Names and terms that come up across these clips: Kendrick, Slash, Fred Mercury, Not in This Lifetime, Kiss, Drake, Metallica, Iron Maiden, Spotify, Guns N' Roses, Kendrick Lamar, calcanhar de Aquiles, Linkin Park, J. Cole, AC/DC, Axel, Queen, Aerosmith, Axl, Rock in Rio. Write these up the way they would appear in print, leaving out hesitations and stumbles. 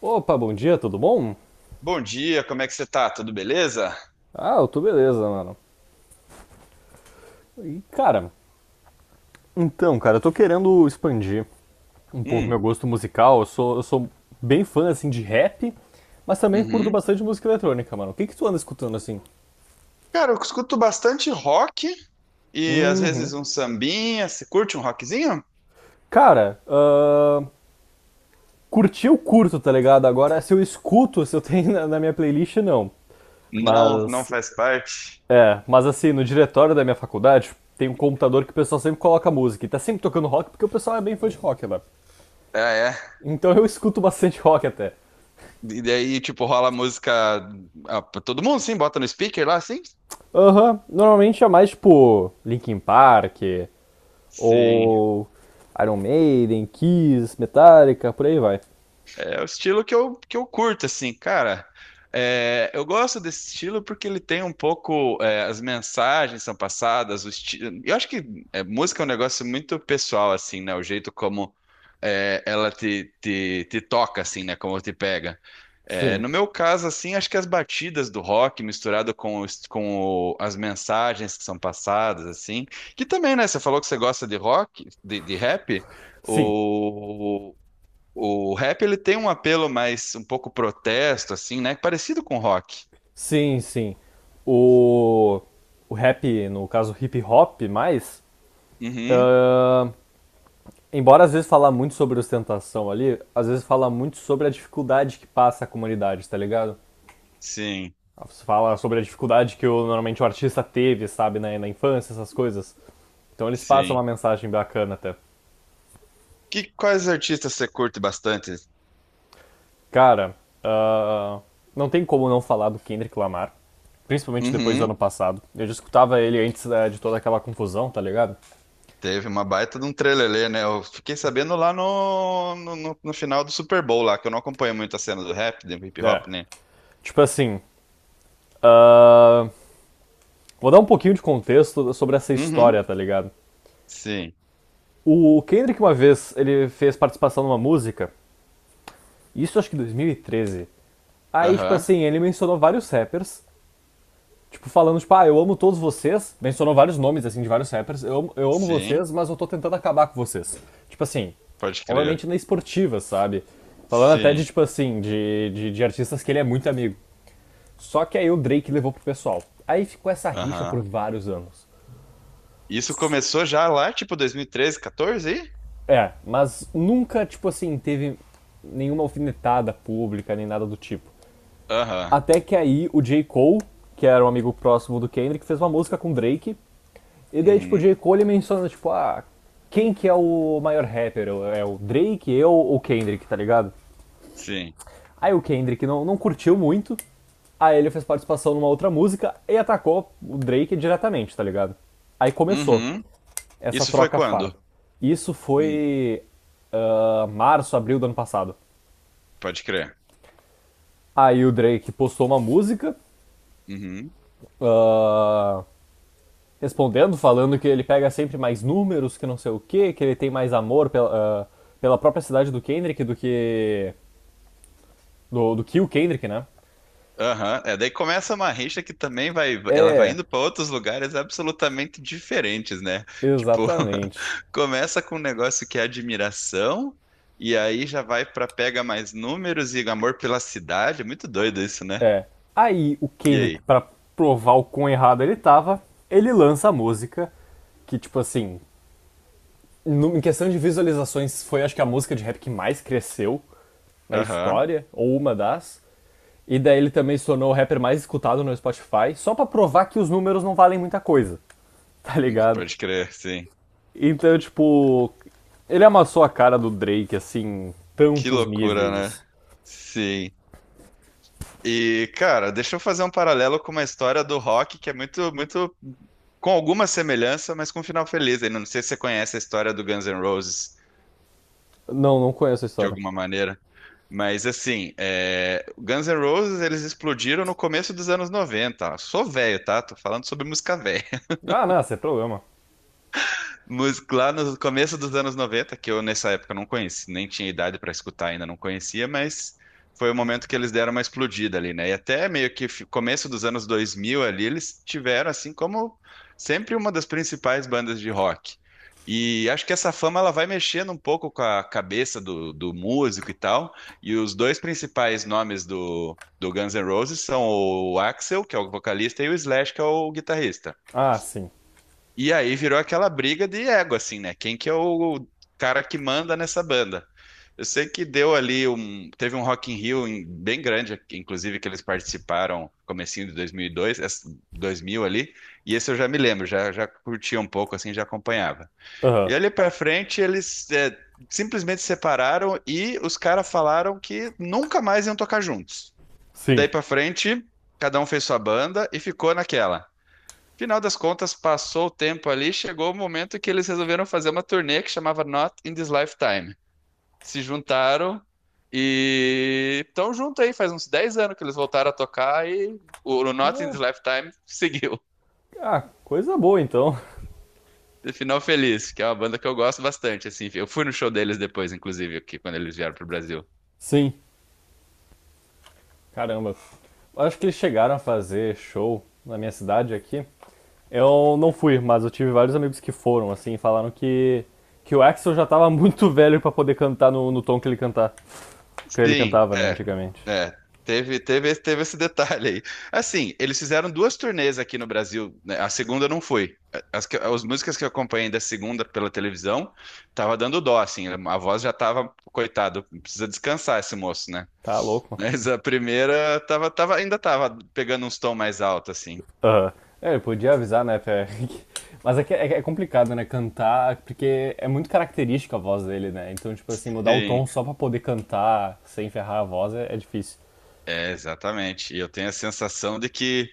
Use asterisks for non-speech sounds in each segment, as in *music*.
Opa, bom dia, tudo bom? Bom dia, como é que você tá? Tudo beleza? Ah, eu tô beleza, mano. E, cara, então, cara, eu tô querendo expandir um pouco meu Hum, gosto musical. Eu sou bem fã, assim, de rap, mas também curto uhum. bastante música eletrônica, mano. O que que tu anda escutando, assim? Cara, eu escuto bastante rock e às Uhum. vezes um sambinha. Você curte um rockzinho? Cara, curtir eu curto, tá ligado? Agora, se eu escuto, se eu tenho na minha playlist, não. Não, não Mas, faz parte. Mas assim, no diretório da minha faculdade, tem um computador que o pessoal sempre coloca música. E tá sempre tocando rock, porque o pessoal é bem fã de rock lá. Ah, é. Então eu escuto bastante *laughs* rock até. E daí, tipo, rola música pra todo mundo, sim? Bota no speaker lá, sim? Aham, normalmente é mais tipo Linkin Park Sim. ou Iron Maiden, Kiss, Metallica, por aí vai. É o estilo que eu curto, assim, cara. É, eu gosto desse estilo porque ele tem um pouco. As mensagens são passadas, o estilo. Eu acho que música é um negócio muito pessoal, assim, né? O jeito como ela te toca, assim, né? Como te pega. É, Sim, no meu caso, assim, acho que as batidas do rock misturado com, as mensagens que são passadas, assim. Que também, né? Você falou que você gosta de rock, de rap. sim, O, o rap ele tem um apelo mais um pouco protesto, assim, né? Parecido com rock. sim, sim. O, o rap, no caso hip hop, mais, Uhum. ah, embora às vezes falar muito sobre ostentação ali, às vezes fala muito sobre a dificuldade que passa a comunidade, tá ligado? Sim, Você fala sobre a dificuldade que o, normalmente o artista teve, sabe, né, na infância, essas coisas. Então eles passam uma sim. mensagem bacana até. Quais artistas você curte bastante? Cara, ah, não tem como não falar do Kendrick Lamar, principalmente depois do Uhum. ano passado. Eu já escutava ele antes, né, de toda aquela confusão, tá ligado? Teve uma baita de um trelelê, né? Eu fiquei sabendo lá no final do Super Bowl lá, que eu não acompanho muito a cena do rap, do hip É. hop, né? Tipo assim, ah, vou dar um pouquinho de contexto sobre essa história, Uhum. tá ligado? Sim. O Kendrick uma vez, ele fez participação numa música, isso acho que em 2013. Aí, tipo Aham. assim, ele mencionou vários rappers. Tipo, falando, tipo, ah, eu amo todos vocês. Mencionou vários nomes, assim, de vários rappers. Eu, amo Sim. vocês, mas eu tô tentando acabar com vocês. Tipo assim, Pode crer. obviamente na esportiva, sabe? Falando até de, Sim. tipo assim, de artistas que ele é muito amigo. Só que aí o Drake levou pro pessoal. Aí ficou essa rixa por Aham. vários anos. Isso começou já lá, tipo 2013, 14? Aí? É, mas nunca, tipo assim, teve nenhuma alfinetada pública, nem nada do tipo. Aham. Até que aí o J. Cole, que era um amigo próximo do Kendrick, fez uma música com o Drake. E daí, tipo, Uhum. J. Cole menciona, tipo, ah, quem que é o maior rapper? É o Drake, eu ou o Kendrick, tá ligado? Sim. Aí o Kendrick não curtiu muito, aí ele fez participação numa outra música e atacou o Drake diretamente, tá ligado? Aí começou Uhum. essa Isso foi troca quando? farpa. Isso Hum, foi março, abril do ano passado. Pode crer. Aí o Drake postou uma música Uhum. ah, respondendo, falando que ele pega sempre mais números, que não sei o que que ele tem mais amor pela, pela própria cidade do Kendrick do que. Do que o Kendrick, né? Aham. É, daí começa uma rixa que também vai, ela vai É, indo para outros lugares absolutamente diferentes, né? Tipo, exatamente. *laughs* começa com um negócio que é admiração e aí já vai para pega mais números e amor pela cidade. Muito doido isso, né? É. Aí o E Kendrick, aí? pra provar o quão errado ele tava, ele lança a música que, tipo assim, em questão de visualizações, foi acho que a música de rap que mais cresceu na Aham. história, ou uma das. E daí ele também se tornou o rapper mais escutado no Spotify, só pra provar que os números não valem muita coisa. *laughs* Tá ligado? Pode crer, sim. Então, tipo, ele amassou a cara do Drake, assim, Que tantos loucura, né? níveis. Sim. E, cara, deixa eu fazer um paralelo com uma história do rock que é muito, muito com alguma semelhança, mas com um final feliz. Eu não sei se você conhece a história do Guns N' Roses Não, não conheço a de história. alguma maneira, mas assim, é... O Guns N' Roses eles explodiram no começo dos anos 90. Sou velho, tá? Tô falando sobre música velha. Ah, não, sem problema. Música lá no começo dos anos 90, que eu nessa época não conheci, nem tinha idade para escutar ainda, não conhecia, mas foi o momento que eles deram uma explodida ali, né? E até meio que começo dos anos 2000 ali, eles tiveram assim como sempre uma das principais bandas de rock. E acho que essa fama ela vai mexendo um pouco com a cabeça do músico e tal. E os dois principais nomes do Guns N' Roses são o Axl, que é o vocalista, e o Slash, que é o guitarrista. Ah, sim. E aí virou aquela briga de ego, assim, né? Quem que é o cara que manda nessa banda? Eu sei que deu ali um, teve um Rock in Rio bem grande, inclusive que eles participaram comecinho de 2002, 2000 ali, e esse eu já me lembro, já curtia um pouco assim, já acompanhava. Aham, E ali pra frente simplesmente separaram e os caras falaram que nunca mais iam tocar juntos. Daí sim. pra frente, cada um fez sua banda e ficou naquela. Final das contas, passou o tempo ali, chegou o momento que eles resolveram fazer uma turnê que chamava Not in This Lifetime. Se juntaram e estão junto aí, faz uns 10 anos que eles voltaram a tocar e o Not in This Lifetime seguiu. Ah, coisa boa então. *laughs* *laughs* Final Feliz, que é uma banda que eu gosto bastante, assim. Eu fui no show deles depois, inclusive, aqui, quando eles vieram pro Brasil. Sim, caramba. Acho que eles chegaram a fazer show na minha cidade aqui. Eu não fui, mas eu tive vários amigos que foram, assim, e falaram que o Axel já tava *laughs* muito velho pra poder cantar no, no tom que ele, cantar, que ele Sim, cantava, né, é, antigamente. é. Teve esse detalhe aí. Assim, eles fizeram duas turnês aqui no Brasil, né? A segunda não foi. As músicas que eu acompanhei da segunda pela televisão, tava dando dó, assim, a voz já tava, coitado, precisa descansar esse moço, né? Tá louco, mano. Mas a primeira ainda tava pegando uns tons mais altos, assim. Aham. É, eu podia avisar, *laughs* Mas é, que é, é complicado, né? Cantar, porque é muito característica a voz dele, né? Então, tipo assim, mudar o Sim, tom só pra poder cantar sem ferrar a voz é difícil. é, exatamente. E eu tenho a sensação de que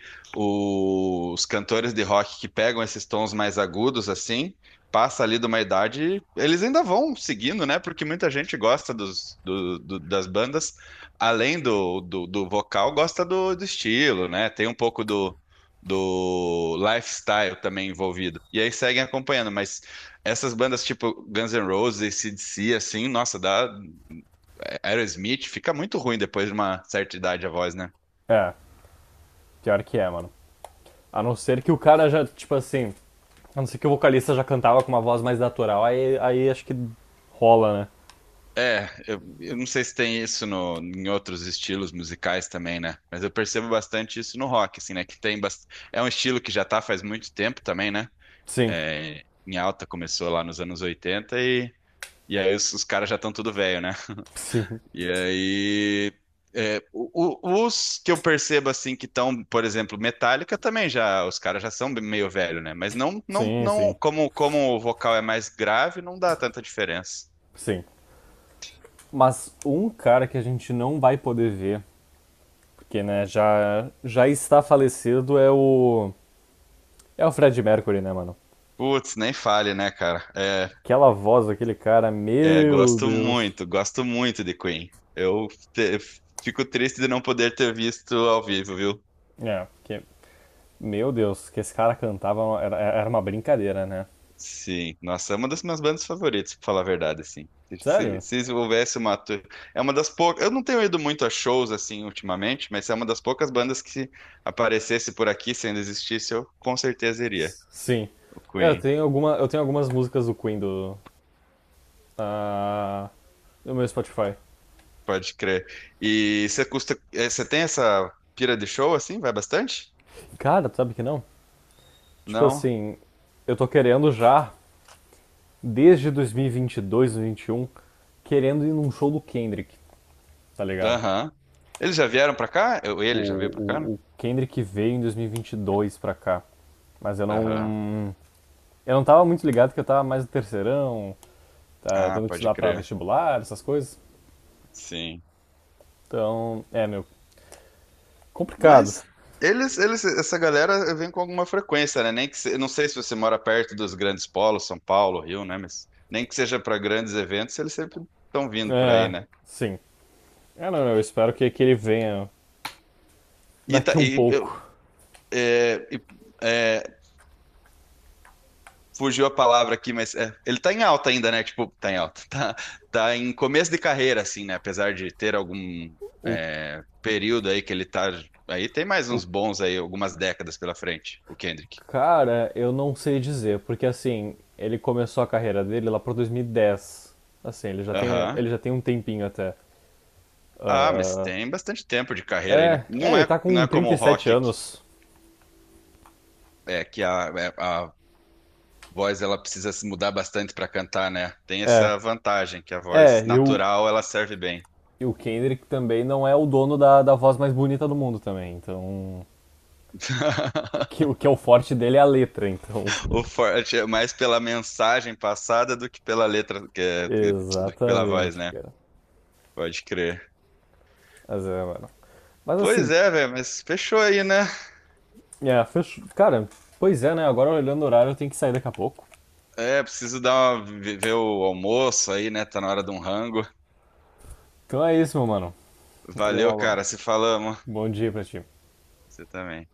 os cantores de rock que pegam esses tons mais agudos, assim, passa ali de uma idade, eles ainda vão seguindo, né? Porque muita gente gosta dos, das bandas, além do vocal, gosta do estilo, né? Tem um pouco do lifestyle também envolvido. E aí seguem acompanhando, mas essas bandas tipo Guns N' Roses, AC/DC, assim, nossa, dá. Aerosmith fica muito ruim depois de uma certa idade a voz, né? É, pior que é, mano. A não ser que o cara já, tipo assim, a não ser que o vocalista já cantava com uma voz mais natural, aí acho que rola, né? É, eu não sei se tem isso no, em outros estilos musicais também, né? Mas eu percebo bastante isso no rock, assim, né? Que tem É um estilo que já tá faz muito tempo também, né? Sim, É, em alta começou lá nos anos 80 e aí os caras já estão tudo velho, né? sim, E aí, é, os que eu percebo assim que estão, por exemplo, Metallica também já, os caras já são meio velho, né? Mas sim, não, sim, como, como o vocal é mais grave, não dá tanta diferença. sim. Mas um cara que a gente não vai poder ver, porque, né, já está falecido, é o Fred Mercury, né, mano? Putz, nem fale, né, cara? É, Aquela voz daquele cara, é, meu Deus. Gosto muito de Queen. Eu te- fico triste de não poder ter visto ao vivo, viu? É, porque meu Deus, que esse cara cantava era uma brincadeira, né? Sim, nossa, é uma das minhas bandas favoritas, pra falar a verdade, assim. Se, Sério? se, se houvesse é uma das poucas. Eu não tenho ido muito a shows, assim, ultimamente, mas é uma das poucas bandas que se aparecesse por aqui, se ainda existisse, eu com certeza iria. Sim. O É, Queen, eu tenho algumas músicas do Queen do, ah, do meu Spotify. pode crer. E você você tem essa pira de show, assim? Vai bastante? Cara, tu sabe que não? Tipo Não? assim, eu tô querendo já, desde 2022, 2021, querendo ir num show do Kendrick, tá ligado? Aham. Eles já vieram pra cá? O, Ele já veio pra cá, né? o, o Kendrick veio em 2022 pra cá, mas eu Aham. não, eu não tava muito ligado que eu tava mais no terceirão, tá, Ah, tendo que pode estudar pra crer. vestibular, essas coisas. Sim. Então, é, meu, complicado. Mas essa galera vem com alguma frequência, né? Nem que se, eu não sei se você mora perto dos grandes polos, São Paulo, Rio, né? Mas nem que seja para grandes eventos, eles sempre estão vindo por aí, É, né? sim. É, não, eu espero que ele venha E, tá, daqui um e eu, pouco. é, e, é, fugiu a palavra aqui, mas é, ele tá em alta ainda, né? Tipo, tá em alta. Tá, tá em começo de carreira, assim, né? Apesar de ter algum O, período aí que ele tá. Aí tem mais o uns bons aí, algumas décadas pela frente, o Kendrick. cara, eu não sei dizer, porque assim, ele começou a carreira dele lá por 2010. Assim, Aham. ele já tem um tempinho até. Ah, mas tem bastante tempo de carreira aí, É, né? é, ele tá Não com é como trinta o e sete rock, anos. A voz ela precisa se mudar bastante para cantar, né? Tem É, essa vantagem, que a voz é, natural ela serve bem. e o Kendrick também não é o dono da, da voz mais bonita do mundo também, então. Que *laughs* o que é o forte dele é a letra, então. O *laughs* forte é mais pela mensagem passada do que pela letra, do que pela voz, Exatamente, né? cara. Pode crer. Mas é, mano. Mas Pois assim, é, velho, mas fechou aí, né? é, fechou. Cara, pois é, né? Agora olhando o horário, eu tenho que sair daqui a pouco. É, preciso dar uma, ver o almoço aí, né? Tá na hora de um rango. Então é isso, meu mano. Valeu, Valeu, Malval. cara, se falamos. Bom dia pra ti. Você também.